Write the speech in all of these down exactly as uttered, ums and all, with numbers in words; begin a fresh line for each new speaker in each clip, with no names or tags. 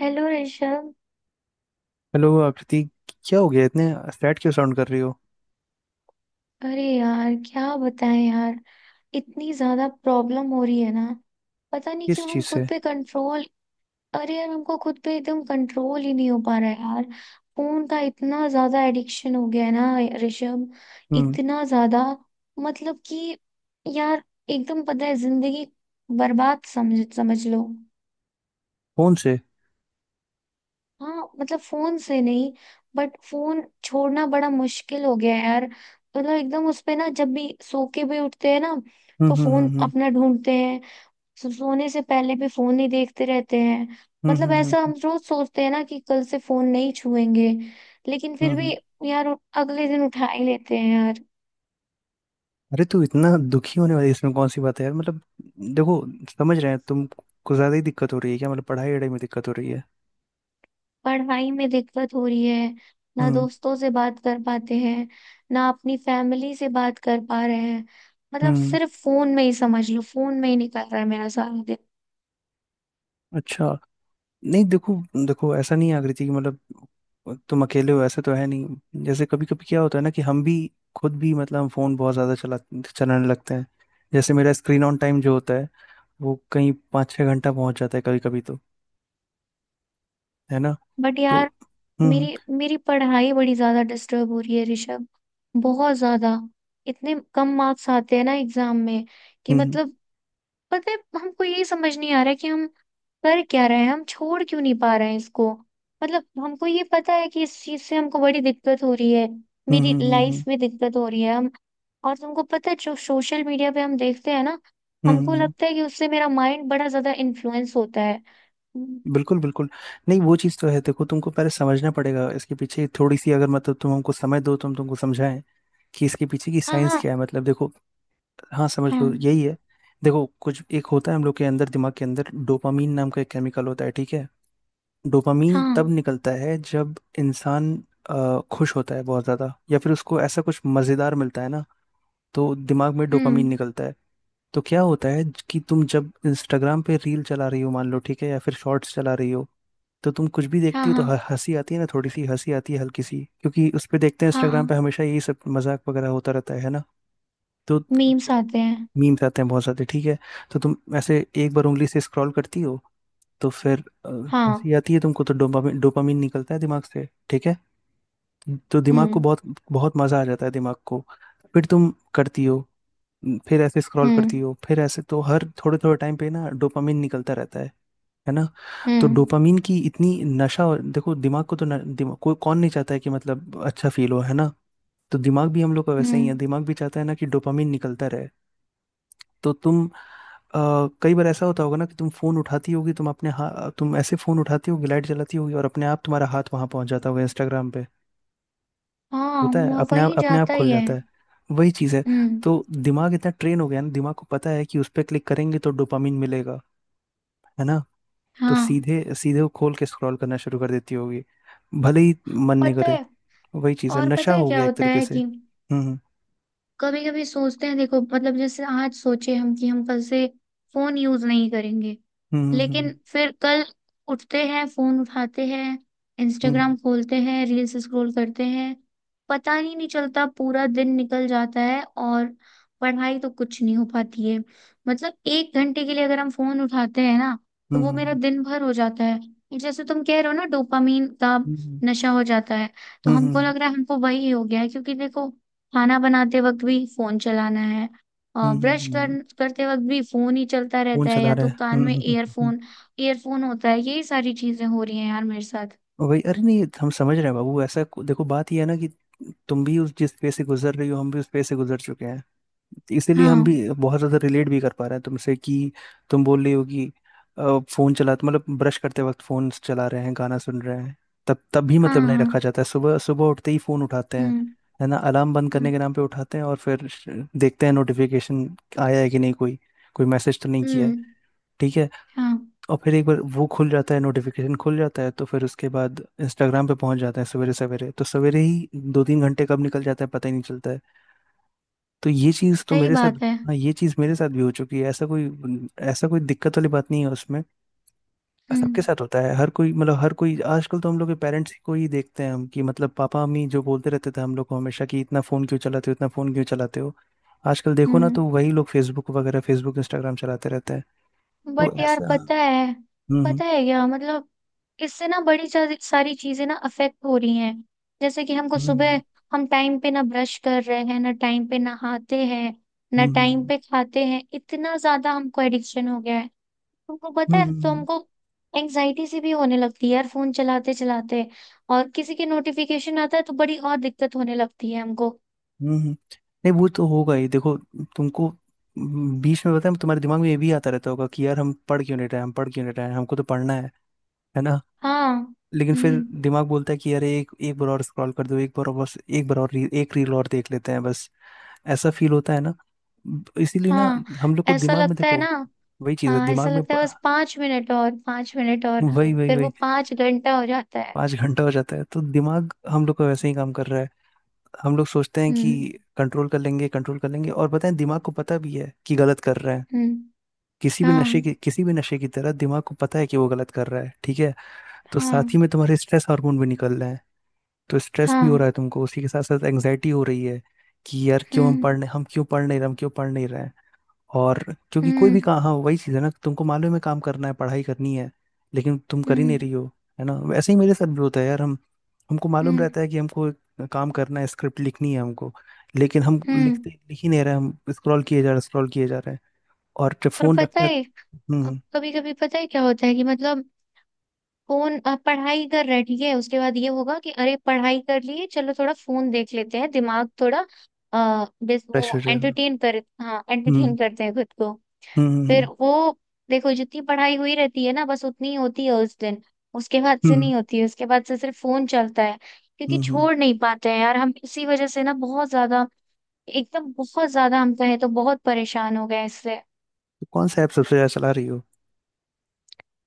Hello Rishabh.
Hello Aakriti. क्या हो गया? इतने फ्लैट क्यों साउंड कर रही हो?
अरे यार क्या बताएं यार, इतनी ज्यादा प्रॉब्लम हो रही है ना। पता नहीं
किस
क्यों हम
चीज
खुद
से?
पे कंट्रोल। अरे यार हमको खुद पे एकदम कंट्रोल ही नहीं हो पा रहा है यार। फोन का इतना ज्यादा एडिक्शन हो गया है ना ऋषभ,
हम्म।
इतना ज्यादा। मतलब कि यार, एकदम पता है जिंदगी बर्बाद समझ समझ लो।
फोन से?
हाँ मतलब फोन से नहीं, बट फोन छोड़ना बड़ा मुश्किल हो गया है यार। मतलब एकदम उस पे ना, जब भी सो के भी उठते हैं ना
हम्म,
तो
हम्म,
फोन
हम्म,
अपना ढूंढते हैं। सो- सोने से पहले भी फोन ही देखते रहते हैं।
हम्म,
मतलब
हम्म, हम्म,
ऐसा
हम्म,
हम रोज सोचते हैं ना कि कल से फोन नहीं छुएंगे, लेकिन
हम्म।
फिर
हम्म।
भी यार अगले दिन उठा ही लेते हैं यार।
अरे तू इतना दुखी होने वाली, इसमें कौन सी बात है यार? मतलब देखो, समझ रहे हैं। तुम को ज्यादा ही दिक्कत हो रही है क्या? मतलब पढ़ाई वढ़ाई में दिक्कत हो रही है?
पढ़ाई में दिक्कत हो रही है, ना
हम्म,
दोस्तों से बात कर पाते हैं, ना अपनी फैमिली से बात कर पा रहे हैं। मतलब
हम्म।
सिर्फ फोन में ही समझ लो, फोन में ही निकल रहा है मेरा सारा दिन।
अच्छा। नहीं देखो, देखो ऐसा नहीं है आकृति कि मतलब तुम अकेले हो, ऐसा तो है नहीं। जैसे कभी कभी क्या होता है ना कि हम भी, खुद भी मतलब हम फोन बहुत ज्यादा चला चलाने लगते हैं। जैसे मेरा स्क्रीन ऑन टाइम जो होता है, वो कहीं पाँच छः घंटा पहुंच जाता है कभी कभी तो, है ना?
बट
तो
यार
हम्म,
मेरी मेरी पढ़ाई बड़ी ज्यादा डिस्टर्ब हो रही है ऋषभ, बहुत ज्यादा। इतने कम मार्क्स आते हैं ना एग्जाम में कि
हम्म,
मतलब, पता है हमको यही समझ नहीं आ रहा है कि हम कर क्या रहे हैं, हम छोड़ क्यों नहीं पा रहे हैं इसको। मतलब हमको ये पता है कि इस चीज से हमको बड़ी दिक्कत हो रही है,
हम्म,
मेरी
हम्म, हम्म, हम्म,
लाइफ
हम्म,
में दिक्कत हो रही है हम। और तुमको पता है जो सोशल मीडिया पे हम देखते हैं ना,
हम्म, हम्म,
हमको
हम्म।
लगता है कि उससे मेरा माइंड बड़ा ज्यादा इन्फ्लुएंस होता है। हम्म,
बिल्कुल बिल्कुल। नहीं वो चीज़ तो है, देखो तुमको पहले समझना पड़ेगा इसके पीछे, थोड़ी सी अगर मतलब तुम हमको समय दो तो हम तुमको समझाएं कि इसके पीछे की
हाँ
साइंस
हाँ।
क्या है। मतलब देखो, हाँ समझ
हाँ
लो यही है। देखो कुछ एक होता है हम लोग के अंदर, दिमाग के अंदर डोपामीन नाम का एक केमिकल होता है, ठीक है? डोपामीन
हाँ।
तब निकलता है जब इंसान अ, खुश होता है बहुत ज़्यादा, या फिर उसको ऐसा कुछ मज़ेदार मिलता है ना, तो दिमाग में
हम्म।
डोपामीन निकलता है। तो क्या होता है कि तुम जब इंस्टाग्राम पे रील चला रही हो, मान लो ठीक है, या फिर शॉर्ट्स चला रही हो, तो तुम कुछ भी
हाँ
देखती हो तो
हाँ।
ह- हंसी आती है ना, थोड़ी सी हंसी आती है हल्की सी, क्योंकि उस पे देखते हैं
हाँ
इंस्टाग्राम
हाँ,
पे हमेशा यही सब मजाक वगैरह होता रहता है है ना? तो
मीम्स आते हैं।
मीम्स आते हैं बहुत सारे, ठीक है। तो तुम ऐसे एक बार उंगली से स्क्रॉल करती हो, तो फिर अ, हंसी
हाँ।
आती है तुमको, तो डोपामीन डोपामीन निकलता है दिमाग से, ठीक है? तो दिमाग को
हम्म
बहुत बहुत मजा आ जाता है दिमाग को। फिर तुम करती हो, फिर ऐसे स्क्रॉल करती
हम्म
हो, फिर ऐसे, तो हर थोड़े थोड़े टाइम पे ना डोपामिन निकलता रहता है है ना? तो
हम्म
डोपामिन की इतनी नशा और- देखो, दिमाग को तो न, दिमाग कोई कौन नहीं चाहता है कि मतलब अच्छा फील हो, है ना? तो दिमाग भी हम लोग का वैसे ही है,
हम्म।
दिमाग भी चाहता है ना कि डोपामिन निकलता रहे। तो तुम, अ, कई बार ऐसा होता होगा ना कि तुम फोन उठाती होगी, तुम अपने हाथ, तुम ऐसे फोन उठाती होगी, लाइट जलाती होगी और अपने आप तुम्हारा हाथ वहां पहुंच जाता होगा इंस्टाग्राम पे।
हाँ
होता है,
वह-
अपने आप
वही
अपने आप
जाता
खुल
ही है।
जाता है, वही चीज़ है।
हम्म।
तो दिमाग इतना ट्रेन हो गया ना, दिमाग को पता है कि उस पर क्लिक करेंगे तो डोपामिन मिलेगा, है ना? तो
हाँ
सीधे सीधे वो खोल के स्क्रॉल करना शुरू कर देती होगी, भले ही
हाँ,
मन नहीं
पता
करे।
है।
वही चीज़ है,
और
नशा
पता है
हो
क्या
गया एक
होता
तरीके
है
से।
कि
हम्म,
कभी कभी सोचते हैं देखो, मतलब जैसे आज सोचे हम कि हम कल से फोन यूज नहीं करेंगे,
हम्म, हम्म,
लेकिन फिर कल उठते हैं, फोन उठाते हैं,
हम्म,
इंस्टाग्राम खोलते हैं, रील्स स्क्रॉल करते हैं। पता ही नहीं चलता, पूरा दिन निकल जाता है और पढ़ाई तो कुछ नहीं हो पाती है। मतलब एक घंटे के लिए अगर हम फोन उठाते हैं ना, तो वो मेरा
हम्म,
दिन भर हो जाता है। जैसे तुम कह रहे हो ना, डोपामीन का
हम्म,
नशा हो जाता है। तो
हम्म, हम्म, हम्म,
हमको
हम्म,
लग रहा है हमको वही हो गया है, क्योंकि देखो खाना बनाते वक्त भी फोन चलाना है
हम्म,
और
हम्म,
ब्रश
हम्म, हम्म, हम्म,
कर,
हम्म।
करते वक्त भी फोन ही चलता
फोन
रहता है,
चला
या
रहे
तो
हैं।
कान
हम्म,
में
हम्म, हम्म, हम्म, हम्म, हम्म।
ईयरफोन ईयरफोन होता है। यही सारी चीजें हो रही हैं यार मेरे साथ।
वही, अरे नहीं हम समझ रहे हैं बाबू, ऐसा देखो, बात ये है ना कि तुम भी उस जिस पे से गुजर रही हो, हम भी उस पे से गुजर चुके हैं, इसीलिए हम
हाँ
भी बहुत ज़्यादा रिलेट भी कर पा रहे हैं तुमसे कि तुम बोल रही हो कि अ, फ़ोन चला तो मतलब ब्रश करते वक्त फ़ोन चला रहे हैं, गाना सुन रहे हैं, तब तब भी
हाँ।
मतलब नहीं
हाँ।
रखा जाता है, सुबह सुबह उठते ही फ़ोन उठाते हैं,
हम्म
है ना? अलार्म बंद करने
हम्म
के नाम पे उठाते हैं और फिर श- देखते हैं नोटिफिकेशन आया है कि नहीं, कोई कोई मैसेज तो नहीं किया है,
हम्म।
ठीक है?
हाँ,
और फिर एक बार वो खुल जाता है, नोटिफिकेशन खुल जाता है तो फिर उसके बाद इंस्टाग्राम पे पहुंच जाते हैं सवेरे सवेरे, तो सवेरे ही दो तीन घंटे कब निकल जाते हैं पता ही नहीं चलता है। तो ये चीज तो
सही
मेरे साथ,
बात है।
हाँ ये चीज मेरे साथ भी हो चुकी है, ऐसा कोई ऐसा कोई दिक्कत वाली बात नहीं है उसमें। सबके
हम्म
साथ होता है, हर कोई, मतलब हर कोई आजकल, तो हम लोग के पेरेंट्स को ही देखते हैं हम, कि मतलब पापा मम्मी जो बोलते रहते थे हम लोग को हमेशा कि इतना फोन क्यों चलाते हो, इतना फोन क्यों चलाते हो, आजकल देखो ना, तो
हम्म।
वही लोग फेसबुक वगैरह फेसबुक इंस्टाग्राम चलाते रहते हैं। तो
बट यार
ऐसा,
पता है,
हम्म,
पता है क्या मतलब, इससे ना बड़ी सा- सारी चीजें ना अफेक्ट हो रही हैं। जैसे कि हमको
हम्म,
सुबह हम टाइम पे ना ब्रश कर रहे हैं, ना टाइम पे नहाते हैं, ना
हम्म,
टाइम
हम्म,
पे खाते हैं, इतना ज्यादा हमको एडिक्शन हो गया है। तुमको पता
हम्म,
है, तो
हम्म,
हमको एंजाइटी से भी होने लगती है यार फोन चलाते चलाते, और किसी के नोटिफिकेशन आता है तो बड़ी और दिक्कत होने लगती है हमको।
हम्म, हम्म। नहीं वो तो होगा ही, देखो तुमको हम्म, बीच में, पता है तुम्हारे दिमाग में ये भी आता रहता होगा कि यार हम पढ़ क्यों नहीं रहे हैं, हम पढ़ क्यों नहीं रहे हैं, हमको तो पढ़ना है है ना?
हाँ।
लेकिन फिर
हम्म।
दिमाग बोलता है कि यार एक एक बार और स्क्रॉल कर दो, एक बार और, बस एक बार और रील, एक रील और देख लेते हैं बस, ऐसा फील होता है ना। ब- इसीलिए ना
हाँ
हम लोग को
ऐसा
दिमाग में,
लगता है
देखो
ना।
वही चीज है
हाँ ऐसा
दिमाग में
लगता है,
प-
बस पांच मिनट और, पांच मिनट और,
वही वही
फिर वो
वही।
पांच घंटा हो जाता है।
पाँच घंटा हो जाता है तो दिमाग हम लोग का वैसे ही काम कर रहा है। हम लोग सोचते हैं कि
हम्म
कंट्रोल कर लेंगे, कंट्रोल कर लेंगे, और पता है दिमाग को पता भी है कि गलत कर रहे हैं,
हम्म।
किसी भी नशे
हाँ
की किसी भी नशे की तरह दिमाग को पता है कि वो गलत कर रहा है, ठीक है? तो
हाँ।
साथ ही में तुम्हारे स्ट्रेस हार्मोन भी निकल रहे हैं, तो स्ट्रेस भी
हाँ।
हो रहा है तुमको, उसी के साथ साथ एंग्जाइटी हो रही है कि यार क्यों हम
हम्म
पढ़ नहीं, हम क्यों पढ़ नहीं रहे, हम क्यों पढ़ नहीं रहे हैं। और क्योंकि कोई
हम्म
भी काम, हाँ वही चीज़ है ना, तुमको मालूम है काम करना है, पढ़ाई करनी है, लेकिन तुम कर ही नहीं
हम्म
रही हो, है ना? वैसे ही मेरे साथ भी होता है यार, हम, हमको मालूम
हम्म
रहता है कि हमको एक काम करना है, स्क्रिप्ट लिखनी है हमको, लेकिन हम
हम्म।
लिखते लिख ही नहीं रहे, हम स्क्रॉल किए जा रहे स्क्रॉल किए जा रहे हैं। और जब
और
फोन
पता
रखते हैं,
है,
हम्म,
कभी कभी पता है क्या होता है कि मतलब फोन अ, पढ़ाई कर रहा है, ठीक है, उसके बाद ये होगा कि अरे पढ़ाई कर लिए, चलो थोड़ा फोन देख लेते हैं, दिमाग थोड़ा, अ बस
फ्रेश हो
वो
जाएगा,
एंटरटेन कर हाँ
हम्म,
एंटरटेन करते हैं खुद को। फिर
हम्म,
वो, देखो जितनी पढ़ाई हुई रहती है ना, बस उतनी ही होती है उस दिन, उसके बाद से
हम्म,
नहीं होती है, उसके बाद से सिर्फ फोन चलता है। क्योंकि
हम्म, हम्म।
छोड़ नहीं पाते हैं यार हम, इसी वजह से ना बहुत ज्यादा, एकदम बहुत ज्यादा हम कहें तो, बहुत परेशान हो गए इससे।
तो कौन सा ऐप सबसे ज़्यादा चला रही हो?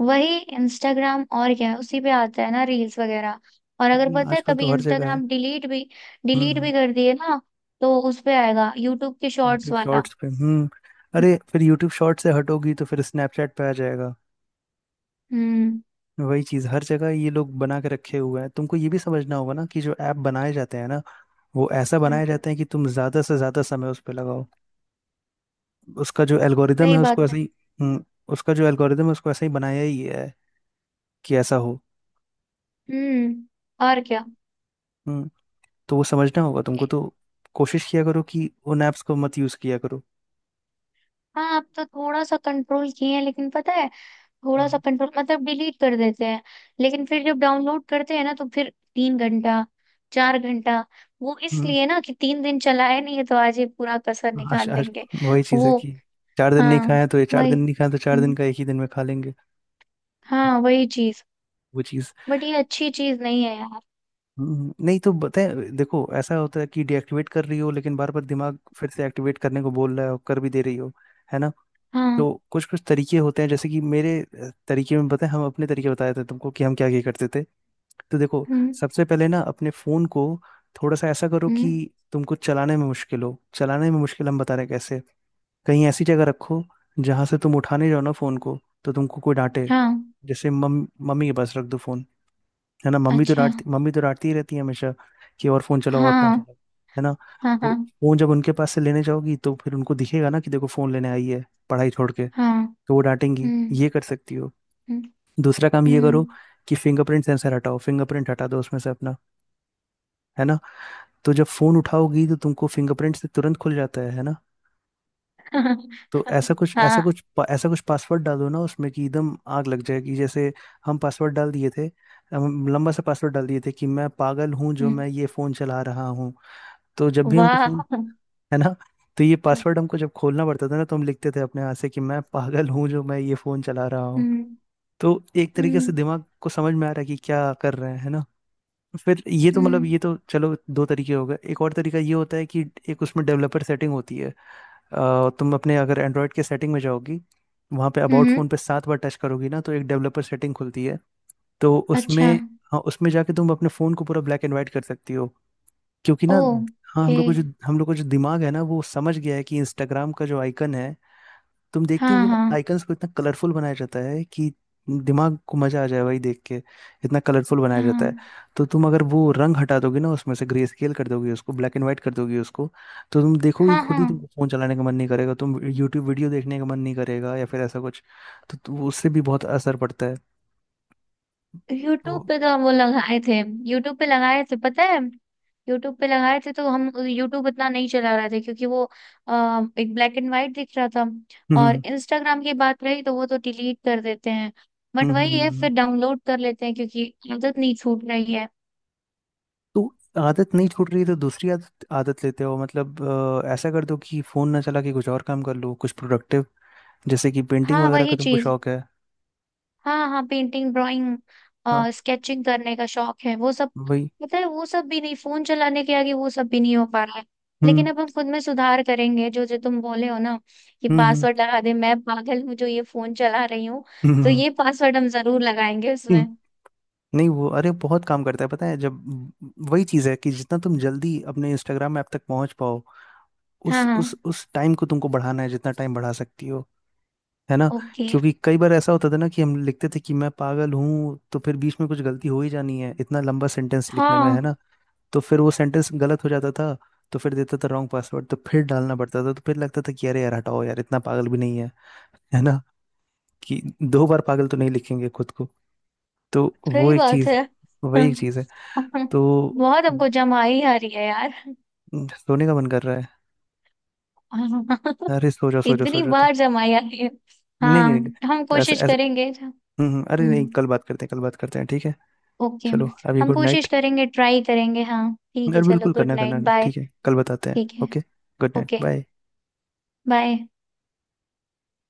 वही इंस्टाग्राम, और क्या है, उसी पे आता है ना रील्स वगैरह। और अगर
नहीं,
पता है
आजकल
कभी
तो हर जगह है।
इंस्टाग्राम डिलीट भी डिलीट
हम्म।
भी कर दिए ना, तो उस पे आएगा यूट्यूब के शॉर्ट्स
यूट्यूब
वाला।
शॉर्ट्स पे। हम्म। अरे फिर यूट्यूब शॉर्ट से हटोगी तो फिर स्नैपचैट पे आ जाएगा।
हम्म।
वही चीज़ हर जगह ये लोग बना के रखे हुए हैं, तुमको ये भी समझना होगा ना कि जो ऐप बनाए जाते हैं ना, वो ऐसा
हम्म,
बनाए जाते हैं कि तुम ज़्यादा से ज़्यादा समय उस पर लगाओ। उसका जो एल्गोरिदम
सही
है उसको
बात है।
ऐसे ही हम्म, उसका जो एल्गोरिदम है उसको ऐसे ही बनाया ही है कि ऐसा हो।
हम्म। और क्या।
हम्म, तो वो समझना होगा तुमको, तो कोशिश किया करो कि उन ऐप्स को मत यूज किया करो।
हाँ अब तो थोड़ा सा कंट्रोल किए हैं, लेकिन पता है थोड़ा सा
हम्म,
कंट्रोल मतलब डिलीट कर देते हैं, लेकिन फिर जब डाउनलोड करते हैं ना, तो फिर तीन घंटा, चार घंटा। वो
हम्म,
इसलिए ना कि तीन दिन चलाया नहीं है तो आज ये पूरा कसर
हाँ आज
निकाल
आज
लेंगे।
वही चीज़ है
वो,
कि चार दिन नहीं
हाँ
खाया तो ये, चार
वही।
दिन नहीं खाया तो चार दिन
हम्म,
का एक ही दिन में खा लेंगे,
हाँ वही चीज।
वो चीज़।
बट ये अच्छी चीज नहीं है यार।
हम्म, नहीं तो बताए, देखो ऐसा होता है कि डीएक्टिवेट कर रही हो, लेकिन बार बार दिमाग फिर से एक्टिवेट करने को बोल रहा है और कर भी दे रही हो, है ना?
हाँ।
तो कुछ कुछ तरीके होते हैं, जैसे कि मेरे, अ, तरीके में बताएं, हम अपने तरीके बताए थे तुमको कि हम क्या क्या करते थे। तो देखो,
हम्म
सबसे पहले ना अपने फोन को थोड़ा सा ऐसा करो कि
हम्म।
तुमको चलाने में मुश्किल हो। चलाने में मुश्किल, हम बता रहे हैं कैसे। कहीं ऐसी जगह रखो जहां से तुम उठाने जाओ ना फोन को, तो तुमको कोई डांटे।
हाँ।
जैसे मम मम्मी के पास रख दो फोन, है ना? मम्मी तो
अच्छा।
डांटती मम्मी तो डांटती ही रहती है हमेशा कि और फोन चलाओ, और फोन
हाँ
चलाओ, है ना?
हाँ।
तो
हाँ
फोन जब उनके पास से लेने जाओगी, तो फिर उनको दिखेगा ना कि देखो फोन लेने आई है पढ़ाई छोड़ के,
हाँ।
तो वो डांटेंगी,
हम्म
ये कर सकती हो।
हम्म
दूसरा काम ये करो
हम्म,
कि फिंगरप्रिंट सेंसर हटाओ, फिंगरप्रिंट हटा दो उसमें से अपना, है ना? तो जब फोन उठाओगी तो तुमको फिंगरप्रिंट से तुरंत खुल जाता है है ना? तो
हाँ।
ऐसा कुछ ऐसा
हाँ,
कुछ ऐसा कुछ पासवर्ड डालो ना उसमें कि एकदम आग लग जाएगी, जैसे हम पासवर्ड डाल दिए थे। हम लंबा सा पासवर्ड डाल दिए थे कि मैं पागल हूँ जो
हम्म।
मैं ये फोन चला रहा हूँ। तो जब भी हमको
वाह।
फोन, है ना? तो ये पासवर्ड हमको जब खोलना पड़ता था ना, तो हम लिखते थे अपने हाथ से कि मैं पागल हूँ जो मैं ये फोन चला रहा हूँ।
हम्म
तो एक तरीके से
हम्म
दिमाग को समझ में आ रहा है कि क्या कर रहे हैं, है ना? फिर ये तो मतलब
हम्म
ये तो चलो दो तरीके हो गए, एक और तरीका ये होता है कि, एक, उसमें डेवलपर सेटिंग होती है, अ, तुम अपने अगर एंड्रॉयड के सेटिंग में जाओगी वहाँ पे अबाउट
हम्म।
फ़ोन पे सात बार टच करोगी ना, तो एक डेवलपर सेटिंग खुलती है। तो उसमें,
अच्छा।
हाँ उसमें जाके तुम अपने फ़ोन को पूरा ब्लैक एंड वाइट कर सकती हो क्योंकि ना, हाँ,
ओके।
हम लोग को जो हम लोग को जो दिमाग है ना, वो समझ गया है कि इंस्टाग्राम का जो आइकन है, तुम देखती
हाँ
हुई ना
हाँ।
आइकन्स को इतना कलरफुल बनाया जाता है कि दिमाग को मजा आ जाए भाई देख के, इतना कलरफुल बनाया
हाँ
जाता है। तो तुम अगर वो रंग हटा दोगे ना उसमें से, ग्रे स्केल कर दोगे उसको, ब्लैक एंड व्हाइट कर दोगे उसको, तो तुम देखोगे
हाँ।
खुद
हाँ,
ही तुमको फोन चलाने का मन नहीं करेगा, तुम यूट्यूब वीडियो देखने का मन नहीं करेगा या फिर ऐसा कुछ। तो, तो उससे भी बहुत असर पड़ता है। तो
यूट्यूब पे तो वो लगाए थे। यूट्यूब पे लगाए थे पता है, यूट्यूब पे लगाए थे तो हम यूट्यूब इतना नहीं चला रहे थे क्योंकि वो आ, एक ब्लैक एंड वाइट दिख रहा था।
हम्म,
और
हम्म,
इंस्टाग्राम की बात रही तो वो तो डिलीट कर देते हैं, बट
हम्म, हम्म।
वही
हम्म,
है
हम्म।
फिर डाउनलोड कर लेते हैं क्योंकि आदत नहीं छूट रही है।
तो आदत नहीं छूट रही, तो दूसरी आदत आदत लेते हो मतलब, अ, ऐसा कर दो कि फोन ना चला के कुछ और काम कर लो, कुछ प्रोडक्टिव। जैसे कि पेंटिंग
हाँ
वगैरह का
वही
तुमको
चीज।
शौक है।
हाँ हाँ, पेंटिंग, ड्राइंग,
हाँ
स्केचिंग करने का शौक है, वो सब।
वही।
पता है, वो सब भी नहीं, फोन चलाने के आगे वो सब भी नहीं हो पा रहा है।
हम्म,
लेकिन अब हम खुद में सुधार करेंगे, जो जो तुम बोले हो ना कि
हम्म, हम्म,
पासवर्ड लगा दे, मैं पागल हूँ जो ये फोन चला रही हूँ,
हम्म,
तो
हम्म।
ये पासवर्ड हम जरूर लगाएंगे
हम्म।
उसमें।
नहीं वो अरे बहुत काम करता है, पता है जब, वही चीज़ है कि जितना तुम जल्दी अपने इंस्टाग्राम ऐप तक पहुंच पाओ,
हाँ।
उस
हाँ।
उस उस टाइम को तुमको बढ़ाना है, जितना टाइम बढ़ा सकती हो, है ना?
ओके।
क्योंकि कई बार ऐसा होता था ना कि हम लिखते थे कि मैं पागल हूँ, तो फिर बीच में कुछ गलती हो ही जानी है इतना लंबा सेंटेंस लिखने में, है
हाँ,
ना? तो फिर वो सेंटेंस गलत हो जाता था, तो फिर देता था रॉन्ग पासवर्ड, तो फिर डालना पड़ता था, तो फिर लगता था कि अरे यार हटाओ यार, इतना पागल भी नहीं है, है ना कि दो बार पागल तो नहीं लिखेंगे खुद को। तो वो
सही
एक
बात
चीज,
है।
वही एक
हाँ,
चीज है,
हाँ,
तो
बहुत हमको जमाई आ रही है यार।
न- सोने का मन कर रहा है।
हाँ,
अरे सो जाओ, सो जाओ, सो
इतनी
जाओ। तो
बार जमाई आ रही है।
नहीं,
हाँ।
नहीं, नहीं।
हम
तो ऐसा
कोशिश
ऐसा,
करेंगे।
हम्म, हम्म, अरे
हम्म।
नहीं कल बात करते हैं, कल बात करते हैं, ठीक है।
ओके।
चलो अभी
हम
गुड नाइट।
कोशिश करेंगे, ट्राई करेंगे, हाँ ठीक
अरे
है, चलो
बिल्कुल
गुड
करना,
नाइट,
करना
बाय।
ठीक है, कल बताते हैं,
ठीक है।
Okay. Good night
okay.
Bye.
Bye.